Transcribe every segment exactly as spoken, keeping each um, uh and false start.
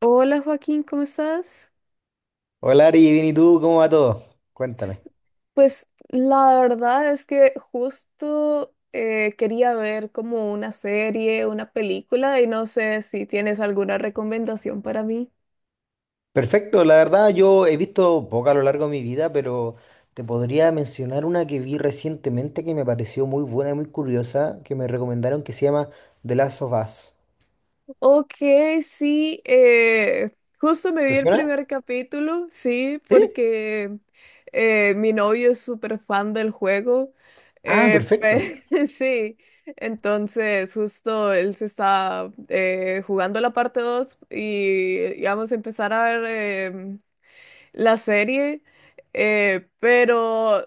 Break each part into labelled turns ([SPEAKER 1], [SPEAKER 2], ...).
[SPEAKER 1] Hola Joaquín, ¿cómo estás?
[SPEAKER 2] Hola Ari, bien y tú, ¿cómo va todo? Cuéntame.
[SPEAKER 1] Pues la verdad es que justo eh, quería ver como una serie, una película y no sé si tienes alguna recomendación para mí.
[SPEAKER 2] Perfecto, la verdad yo he visto poca a lo largo de mi vida, pero te podría mencionar una que vi recientemente que me pareció muy buena y muy curiosa, que me recomendaron que se llama The Last of Us.
[SPEAKER 1] Ok, sí, eh, justo me
[SPEAKER 2] ¿Te
[SPEAKER 1] vi el
[SPEAKER 2] suena?
[SPEAKER 1] primer capítulo, sí,
[SPEAKER 2] ¿Sí?
[SPEAKER 1] porque eh, mi novio es súper fan del juego,
[SPEAKER 2] Ah,
[SPEAKER 1] eh,
[SPEAKER 2] perfecto.
[SPEAKER 1] pe- sí, entonces justo él se está eh, jugando la parte dos y, y vamos a empezar a ver em, la serie, eh, pero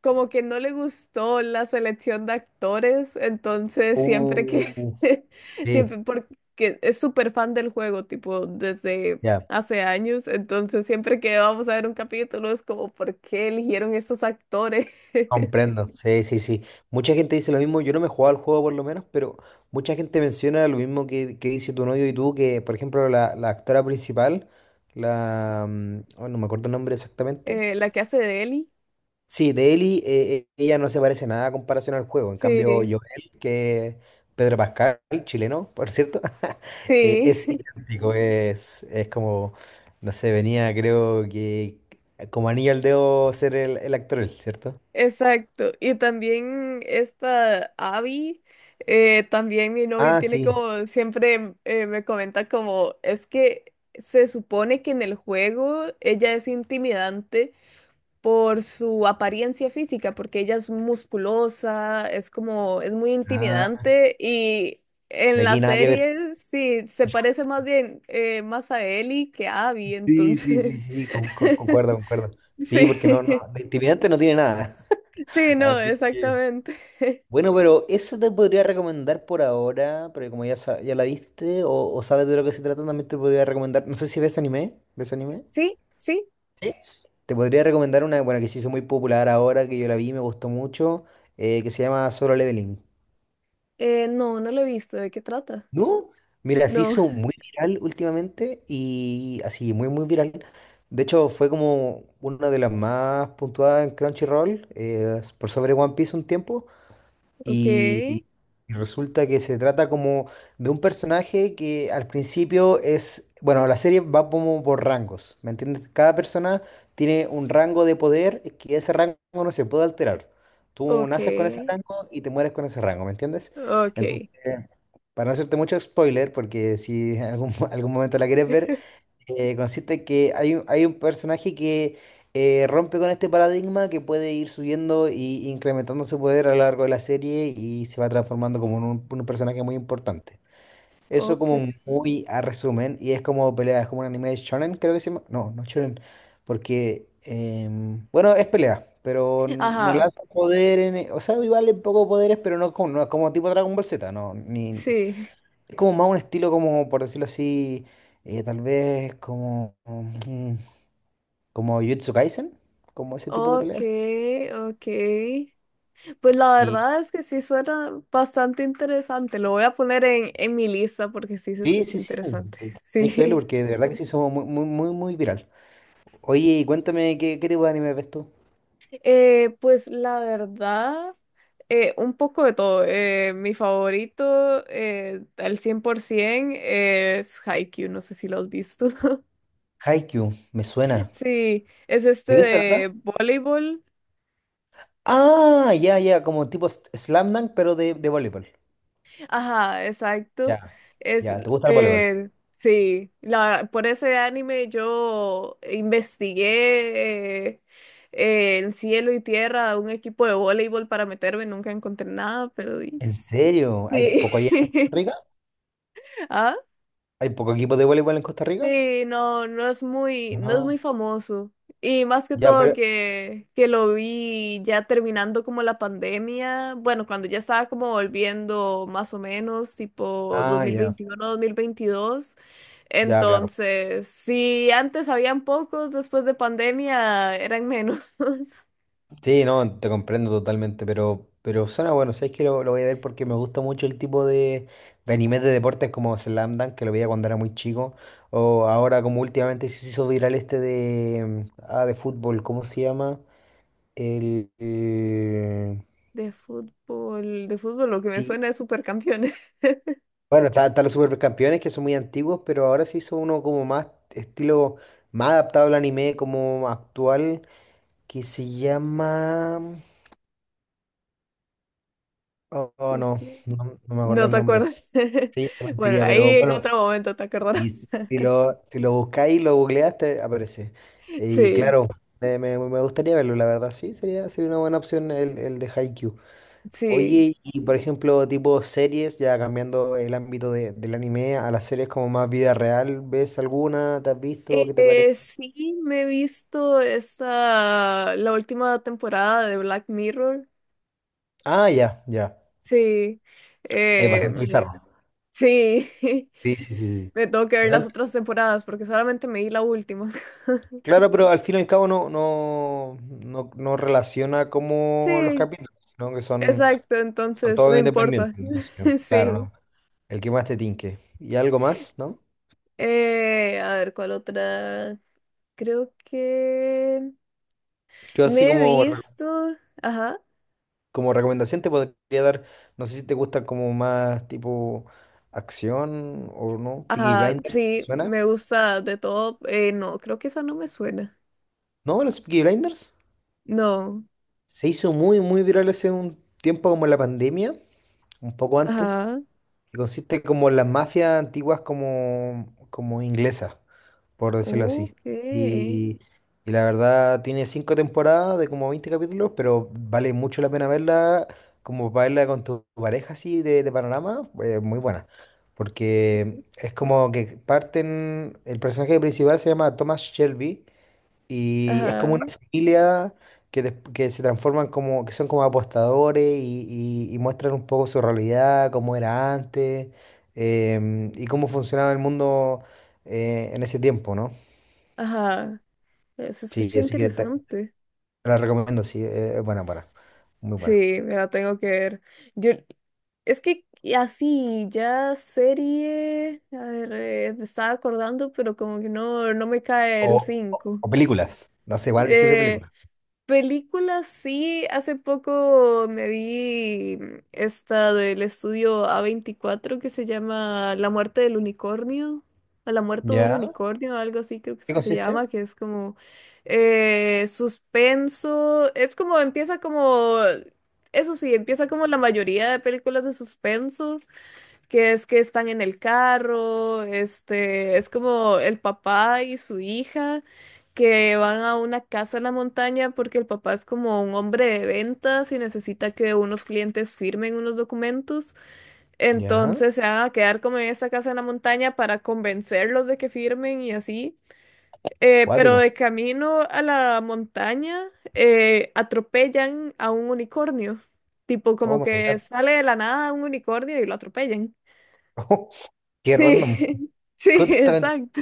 [SPEAKER 1] como que no le gustó la selección de actores, entonces siempre que,
[SPEAKER 2] Uh, sí,
[SPEAKER 1] siempre porque es súper fan del juego, tipo, desde
[SPEAKER 2] ya.
[SPEAKER 1] hace años, entonces siempre que vamos a ver un capítulo es como, ¿por qué eligieron estos actores?
[SPEAKER 2] Comprendo, sí, sí, sí. Mucha gente dice lo mismo, yo no me he jugado al juego por lo menos, pero mucha gente menciona lo mismo que, que dice tu novio y tú, que por ejemplo la, la actora principal, la... mm, oh, no me acuerdo el nombre exactamente.
[SPEAKER 1] Eh, la que hace de Ellie,
[SPEAKER 2] Sí, de Ellie, eh, eh, ella no se parece nada a comparación al juego. En cambio,
[SPEAKER 1] sí,
[SPEAKER 2] Joel, que Pedro Pascal, chileno, por cierto, eh,
[SPEAKER 1] sí.
[SPEAKER 2] es idéntico, es, es como, no sé, venía creo que como anillo al dedo ser el, el actor, él, ¿cierto?
[SPEAKER 1] Exacto. Y también esta Abby, eh, también mi novio
[SPEAKER 2] Ah,
[SPEAKER 1] tiene
[SPEAKER 2] sí.
[SPEAKER 1] como, siempre eh, me comenta como, es que se supone que en el juego ella es intimidante por su apariencia física, porque ella es musculosa, es como, es muy
[SPEAKER 2] Ah,
[SPEAKER 1] intimidante y en
[SPEAKER 2] de
[SPEAKER 1] la
[SPEAKER 2] aquí nada que ver.
[SPEAKER 1] serie sí, se parece más bien eh, más a Ellie que a Abby,
[SPEAKER 2] Sí, sí, sí,
[SPEAKER 1] entonces,
[SPEAKER 2] sí, con- con- concuerdo, concuerdo. Sí, porque no, no,
[SPEAKER 1] sí,
[SPEAKER 2] de intimidante no tiene nada.
[SPEAKER 1] sí, no,
[SPEAKER 2] Así que.
[SPEAKER 1] exactamente.
[SPEAKER 2] Bueno, pero eso te podría recomendar por ahora, pero como ya, sa- ya la viste o, o sabes de lo que se trata, también te podría recomendar. No sé si ves anime. ¿Ves anime?
[SPEAKER 1] Sí, sí.
[SPEAKER 2] Sí. Te podría recomendar una, bueno, que se hizo muy popular ahora, que yo la vi, me gustó mucho, eh, que se llama Solo Leveling.
[SPEAKER 1] Eh, no, no lo he visto. ¿De qué trata?
[SPEAKER 2] ¿No? Mira, se
[SPEAKER 1] No.
[SPEAKER 2] hizo muy viral últimamente y así, muy, muy viral. De hecho, fue como una de las más puntuadas en Crunchyroll, eh, por sobre One Piece un tiempo.
[SPEAKER 1] Ok,
[SPEAKER 2] Y y resulta que se trata como de un personaje que al principio es, bueno, la serie va como por rangos, ¿me entiendes? Cada persona tiene un rango de poder que ese rango no se puede alterar. Tú
[SPEAKER 1] ok,
[SPEAKER 2] naces con ese rango y te mueres con ese rango, ¿me entiendes?
[SPEAKER 1] ok,
[SPEAKER 2] Entonces, para no hacerte mucho spoiler, porque si en algún, algún momento la quieres ver, eh, consiste que hay, un- hay un personaje que eh, rompe con este paradigma que puede ir subiendo y incrementando su poder a lo largo de la serie y se va transformando como en un, un personaje muy importante. Eso
[SPEAKER 1] ok.
[SPEAKER 2] como muy a resumen y es como pelea, es como un anime de shonen, creo que se llama. No, no shonen, porque em, bueno, es pelea, pero no
[SPEAKER 1] Ajá,
[SPEAKER 2] lanza poder en, o sea, igual un poco poderes, pero no como no es como tipo Dragon Ball Z, no, ni
[SPEAKER 1] sí.
[SPEAKER 2] es como más un estilo como, por decirlo así, eh, tal vez como, mm, como Jujutsu Kaisen, como ese tipo de
[SPEAKER 1] Ok,
[SPEAKER 2] peleas.
[SPEAKER 1] ok. Pues la
[SPEAKER 2] Y
[SPEAKER 1] verdad es que sí suena bastante interesante. Lo voy a poner en, en mi lista porque sí se
[SPEAKER 2] sí,
[SPEAKER 1] escucha
[SPEAKER 2] sí, sí,
[SPEAKER 1] interesante.
[SPEAKER 2] tenéis que verlo
[SPEAKER 1] Sí.
[SPEAKER 2] porque de verdad que sí somos muy, muy, muy, muy viral. Oye, y cuéntame, ¿qué, qué tipo de anime ves tú?
[SPEAKER 1] Eh, pues la verdad, eh, un poco de todo. Eh, mi favorito eh, al cien por ciento es Haikyuu. No sé si lo has visto.
[SPEAKER 2] Haikyuu, me suena.
[SPEAKER 1] Sí, es este
[SPEAKER 2] ¿De qué se
[SPEAKER 1] de
[SPEAKER 2] trata?
[SPEAKER 1] voleibol.
[SPEAKER 2] Ah, ya, ya, como tipo s- Slam Dunk, pero de, de voleibol.
[SPEAKER 1] Ajá, exacto.
[SPEAKER 2] Ya,
[SPEAKER 1] Es,
[SPEAKER 2] ya, ¿te gusta el voleibol?
[SPEAKER 1] eh, sí, la, por ese anime yo investigué eh, eh, en cielo y tierra un equipo de voleibol para meterme, nunca encontré nada, pero di-
[SPEAKER 2] ¿En serio? ¿Hay
[SPEAKER 1] sí.
[SPEAKER 2] poco allá en Costa Rica?
[SPEAKER 1] ¿Ah?
[SPEAKER 2] ¿Hay poco equipo de voleibol en Costa Rica?
[SPEAKER 1] Sí, no, no es muy, no es
[SPEAKER 2] Ah,
[SPEAKER 1] muy famoso. Y más que
[SPEAKER 2] ya,
[SPEAKER 1] todo
[SPEAKER 2] pero...
[SPEAKER 1] que, que lo vi ya terminando como la pandemia, bueno, cuando ya estaba como volviendo más o menos, tipo
[SPEAKER 2] Ah, ya.
[SPEAKER 1] dos mil veintiuno, dos mil veintidós.
[SPEAKER 2] Ya, claro.
[SPEAKER 1] Entonces, si antes habían pocos, después de pandemia eran menos.
[SPEAKER 2] Sí, no, te comprendo totalmente, pero, pero suena bueno. Sabes que lo, lo voy a ver porque me gusta mucho el tipo de, de animes de deportes como Slam Dunk, que lo veía cuando era muy chico. O ahora, como últimamente se hizo viral este de, mm, ah, de fútbol, ¿cómo se llama? El, eh,
[SPEAKER 1] De fútbol, de fútbol, lo que me
[SPEAKER 2] sí.
[SPEAKER 1] suena es Supercampeones.
[SPEAKER 2] Bueno, está- están los supercampeones que son muy antiguos, pero ahora se hizo uno como más estilo, más adaptado al anime, como actual, que se llama. Oh, oh,
[SPEAKER 1] Y
[SPEAKER 2] no,
[SPEAKER 1] sí.
[SPEAKER 2] no, no me acuerdo
[SPEAKER 1] No
[SPEAKER 2] el
[SPEAKER 1] te
[SPEAKER 2] nombre.
[SPEAKER 1] acuerdas.
[SPEAKER 2] Sí, te
[SPEAKER 1] Bueno,
[SPEAKER 2] mentiría, pero
[SPEAKER 1] ahí en
[SPEAKER 2] bueno,
[SPEAKER 1] otro momento te
[SPEAKER 2] y
[SPEAKER 1] acordarás.
[SPEAKER 2] si, si lo, si lo buscáis y lo googleaste, aparece. Y
[SPEAKER 1] Sí.
[SPEAKER 2] claro, me, me- me gustaría verlo, la verdad, sí, sería, sería una buena opción el, el de Haikyuu.
[SPEAKER 1] Sí.
[SPEAKER 2] Oye, y por ejemplo, tipo series, ya cambiando el ámbito de- del anime a las series como más vida real, ¿ves alguna? ¿Te has visto? ¿Qué te parece?
[SPEAKER 1] Eh, sí, me he visto esta, la última temporada de Black Mirror.
[SPEAKER 2] Ah, ya, ya.
[SPEAKER 1] Sí.
[SPEAKER 2] Es
[SPEAKER 1] Eh,
[SPEAKER 2] bastante bizarro.
[SPEAKER 1] sí.
[SPEAKER 2] Sí, sí, sí, sí.
[SPEAKER 1] Me tengo que ver
[SPEAKER 2] Pero-
[SPEAKER 1] las
[SPEAKER 2] en-
[SPEAKER 1] otras temporadas porque solamente me vi la última.
[SPEAKER 2] Claro, pero al fin y al cabo no, no, no, no relaciona como los
[SPEAKER 1] Sí,
[SPEAKER 2] capítulos, sino que son
[SPEAKER 1] exacto.
[SPEAKER 2] son
[SPEAKER 1] Entonces, no
[SPEAKER 2] todos independientes,
[SPEAKER 1] importa.
[SPEAKER 2] entonces, claro,
[SPEAKER 1] Sí.
[SPEAKER 2] ¿no? El que más te tinque. Y algo más, ¿no?
[SPEAKER 1] Eh, a ver, ¿cuál otra? Creo que
[SPEAKER 2] Yo
[SPEAKER 1] me
[SPEAKER 2] así
[SPEAKER 1] he
[SPEAKER 2] como, re-
[SPEAKER 1] visto. Ajá.
[SPEAKER 2] como recomendación te podría dar, no sé si te gusta como más tipo acción o no, Peaky
[SPEAKER 1] Ajá,
[SPEAKER 2] Blinders, ¿te
[SPEAKER 1] sí,
[SPEAKER 2] ¿suena?
[SPEAKER 1] me gusta de todo. Eh, no, creo que esa no me suena.
[SPEAKER 2] ¿No? ¿Los Peaky Blinders?
[SPEAKER 1] No.
[SPEAKER 2] Se hizo muy, muy viral hace un tiempo como en la pandemia, un poco antes,
[SPEAKER 1] Ajá,
[SPEAKER 2] que consiste como en las mafias antiguas como, como inglesas, por decirlo así.
[SPEAKER 1] ok.
[SPEAKER 2] Y, y la verdad tiene cinco temporadas de como veinte capítulos, pero vale mucho la pena verla, como para verla con tu pareja así de, de panorama, eh, muy buena. Porque es como que parten, el personaje principal se llama Thomas Shelby y es como
[SPEAKER 1] Ajá,
[SPEAKER 2] una familia que, des- que se transforman como, que son como apostadores y, y- y muestran un poco su realidad, cómo era antes, em, y cómo funcionaba el mundo eh, en ese tiempo, ¿no?
[SPEAKER 1] ajá. Eh, Se
[SPEAKER 2] Sí,
[SPEAKER 1] escucha
[SPEAKER 2] así que te, te
[SPEAKER 1] interesante.
[SPEAKER 2] la recomiendo, sí, eh, es buena, buena, muy buena.
[SPEAKER 1] Sí, me la tengo que ver. Yo, es que así, ya serie, a ver, eh, me estaba acordando, pero como que no, no me cae el
[SPEAKER 2] O, o-
[SPEAKER 1] cinco.
[SPEAKER 2] o películas, no sé, igual sirve
[SPEAKER 1] Eh,
[SPEAKER 2] película.
[SPEAKER 1] películas, sí, hace poco me vi esta del estudio a veinticuatro que se llama La muerte del unicornio, a la muerte de un
[SPEAKER 2] ¿Ya?
[SPEAKER 1] unicornio, algo así creo que es
[SPEAKER 2] ¿Qué
[SPEAKER 1] que se llama,
[SPEAKER 2] consiste?
[SPEAKER 1] que es como eh, suspenso, es como empieza como, eso sí, empieza como la mayoría de películas de suspenso que es que están en el carro, este, es como el papá y su hija que van a una casa en la montaña porque el papá es como un hombre de ventas y necesita que unos clientes firmen unos documentos.
[SPEAKER 2] Ya.
[SPEAKER 1] Entonces se van a quedar como en esta casa en la montaña para convencerlos de que firmen y así. Eh, pero
[SPEAKER 2] Cuático.
[SPEAKER 1] de camino a la montaña eh, atropellan a un unicornio. Tipo
[SPEAKER 2] Oh
[SPEAKER 1] como
[SPEAKER 2] my
[SPEAKER 1] que
[SPEAKER 2] God.
[SPEAKER 1] sale de la nada un unicornio y lo atropellan.
[SPEAKER 2] Qué random.
[SPEAKER 1] Sí, sí,
[SPEAKER 2] Justamente.
[SPEAKER 1] exacto.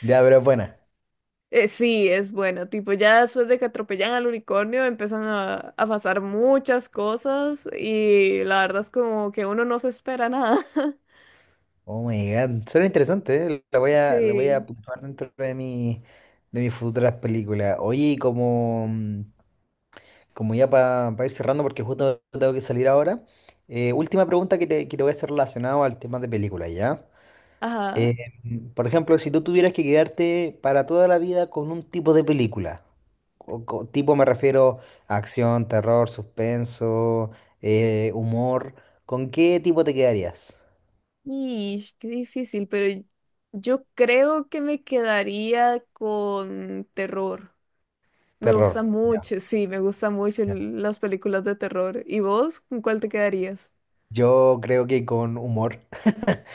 [SPEAKER 2] Ya, pero es buena.
[SPEAKER 1] Eh, sí, es bueno. Tipo, ya después de que atropellan al unicornio, empiezan a, a pasar muchas cosas y la verdad es como que uno no se espera nada.
[SPEAKER 2] Oh my God. Suena interesante, ¿eh? La voy a, la voy a
[SPEAKER 1] Sí,
[SPEAKER 2] apuntar dentro de mi, de mis futuras películas. Oye, y como, mm, como ya para ir cerrando, porque justo tengo que salir ahora, eh, última pregunta que te, que te voy a hacer relacionado al tema de películas, ¿ya?
[SPEAKER 1] ajá.
[SPEAKER 2] Eh, mm, por ejemplo, si tú tuvieras que quedarte para toda la vida con un tipo de película, o co- tipo me refiero a acción, terror, suspenso, eh, humor, ¿con qué tipo te quedarías?
[SPEAKER 1] Ish, qué difícil, pero yo creo que me quedaría con terror. Me
[SPEAKER 2] Terror.
[SPEAKER 1] gusta
[SPEAKER 2] Ya.
[SPEAKER 1] mucho, sí, me gustan mucho l- las películas de terror. ¿Y vos con cuál te quedarías?
[SPEAKER 2] Yo creo que con humor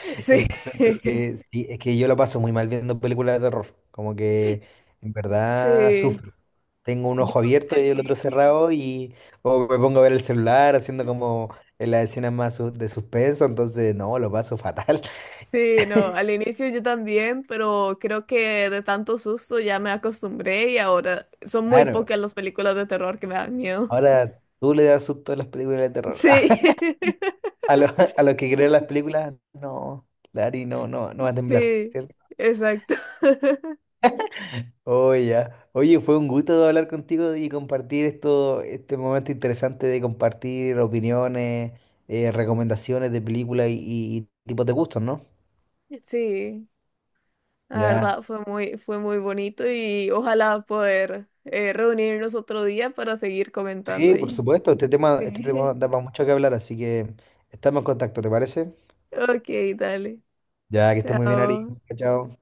[SPEAKER 1] Sí,
[SPEAKER 2] encuentro que sí, es que yo lo paso muy mal viendo películas de terror, como que en verdad
[SPEAKER 1] sí.
[SPEAKER 2] sufro. Tengo un
[SPEAKER 1] Yo
[SPEAKER 2] ojo abierto
[SPEAKER 1] al
[SPEAKER 2] y el otro
[SPEAKER 1] inicio.
[SPEAKER 2] cerrado y o me pongo a ver el celular haciendo como en las escenas más su- de suspenso, entonces no, lo paso fatal.
[SPEAKER 1] Sí, no, al inicio yo también, pero creo que de tanto susto ya me acostumbré y ahora son muy
[SPEAKER 2] Claro,
[SPEAKER 1] pocas las películas de terror que me dan miedo.
[SPEAKER 2] ahora tú le das susto a las películas de terror.
[SPEAKER 1] Sí,
[SPEAKER 2] A los, a los que creen las películas, no, Lari, no, no, no va a temblar.
[SPEAKER 1] sí, exacto.
[SPEAKER 2] Oh, ya. Oye, fue un gusto hablar contigo y compartir esto, este momento interesante de compartir opiniones, eh, recomendaciones de películas y, y- y tipos de gustos, ¿no?
[SPEAKER 1] Sí, la
[SPEAKER 2] Ya.
[SPEAKER 1] verdad fue muy, fue muy bonito y ojalá poder eh, reunirnos otro día para seguir comentando
[SPEAKER 2] Sí, por
[SPEAKER 1] ahí.
[SPEAKER 2] supuesto. Este tema, este tema
[SPEAKER 1] Sí.
[SPEAKER 2] da para mucho que hablar, así que estamos en contacto, ¿te parece?
[SPEAKER 1] Ok, dale.
[SPEAKER 2] Ya, que estés muy bien, Ari.
[SPEAKER 1] Chao.
[SPEAKER 2] Chao.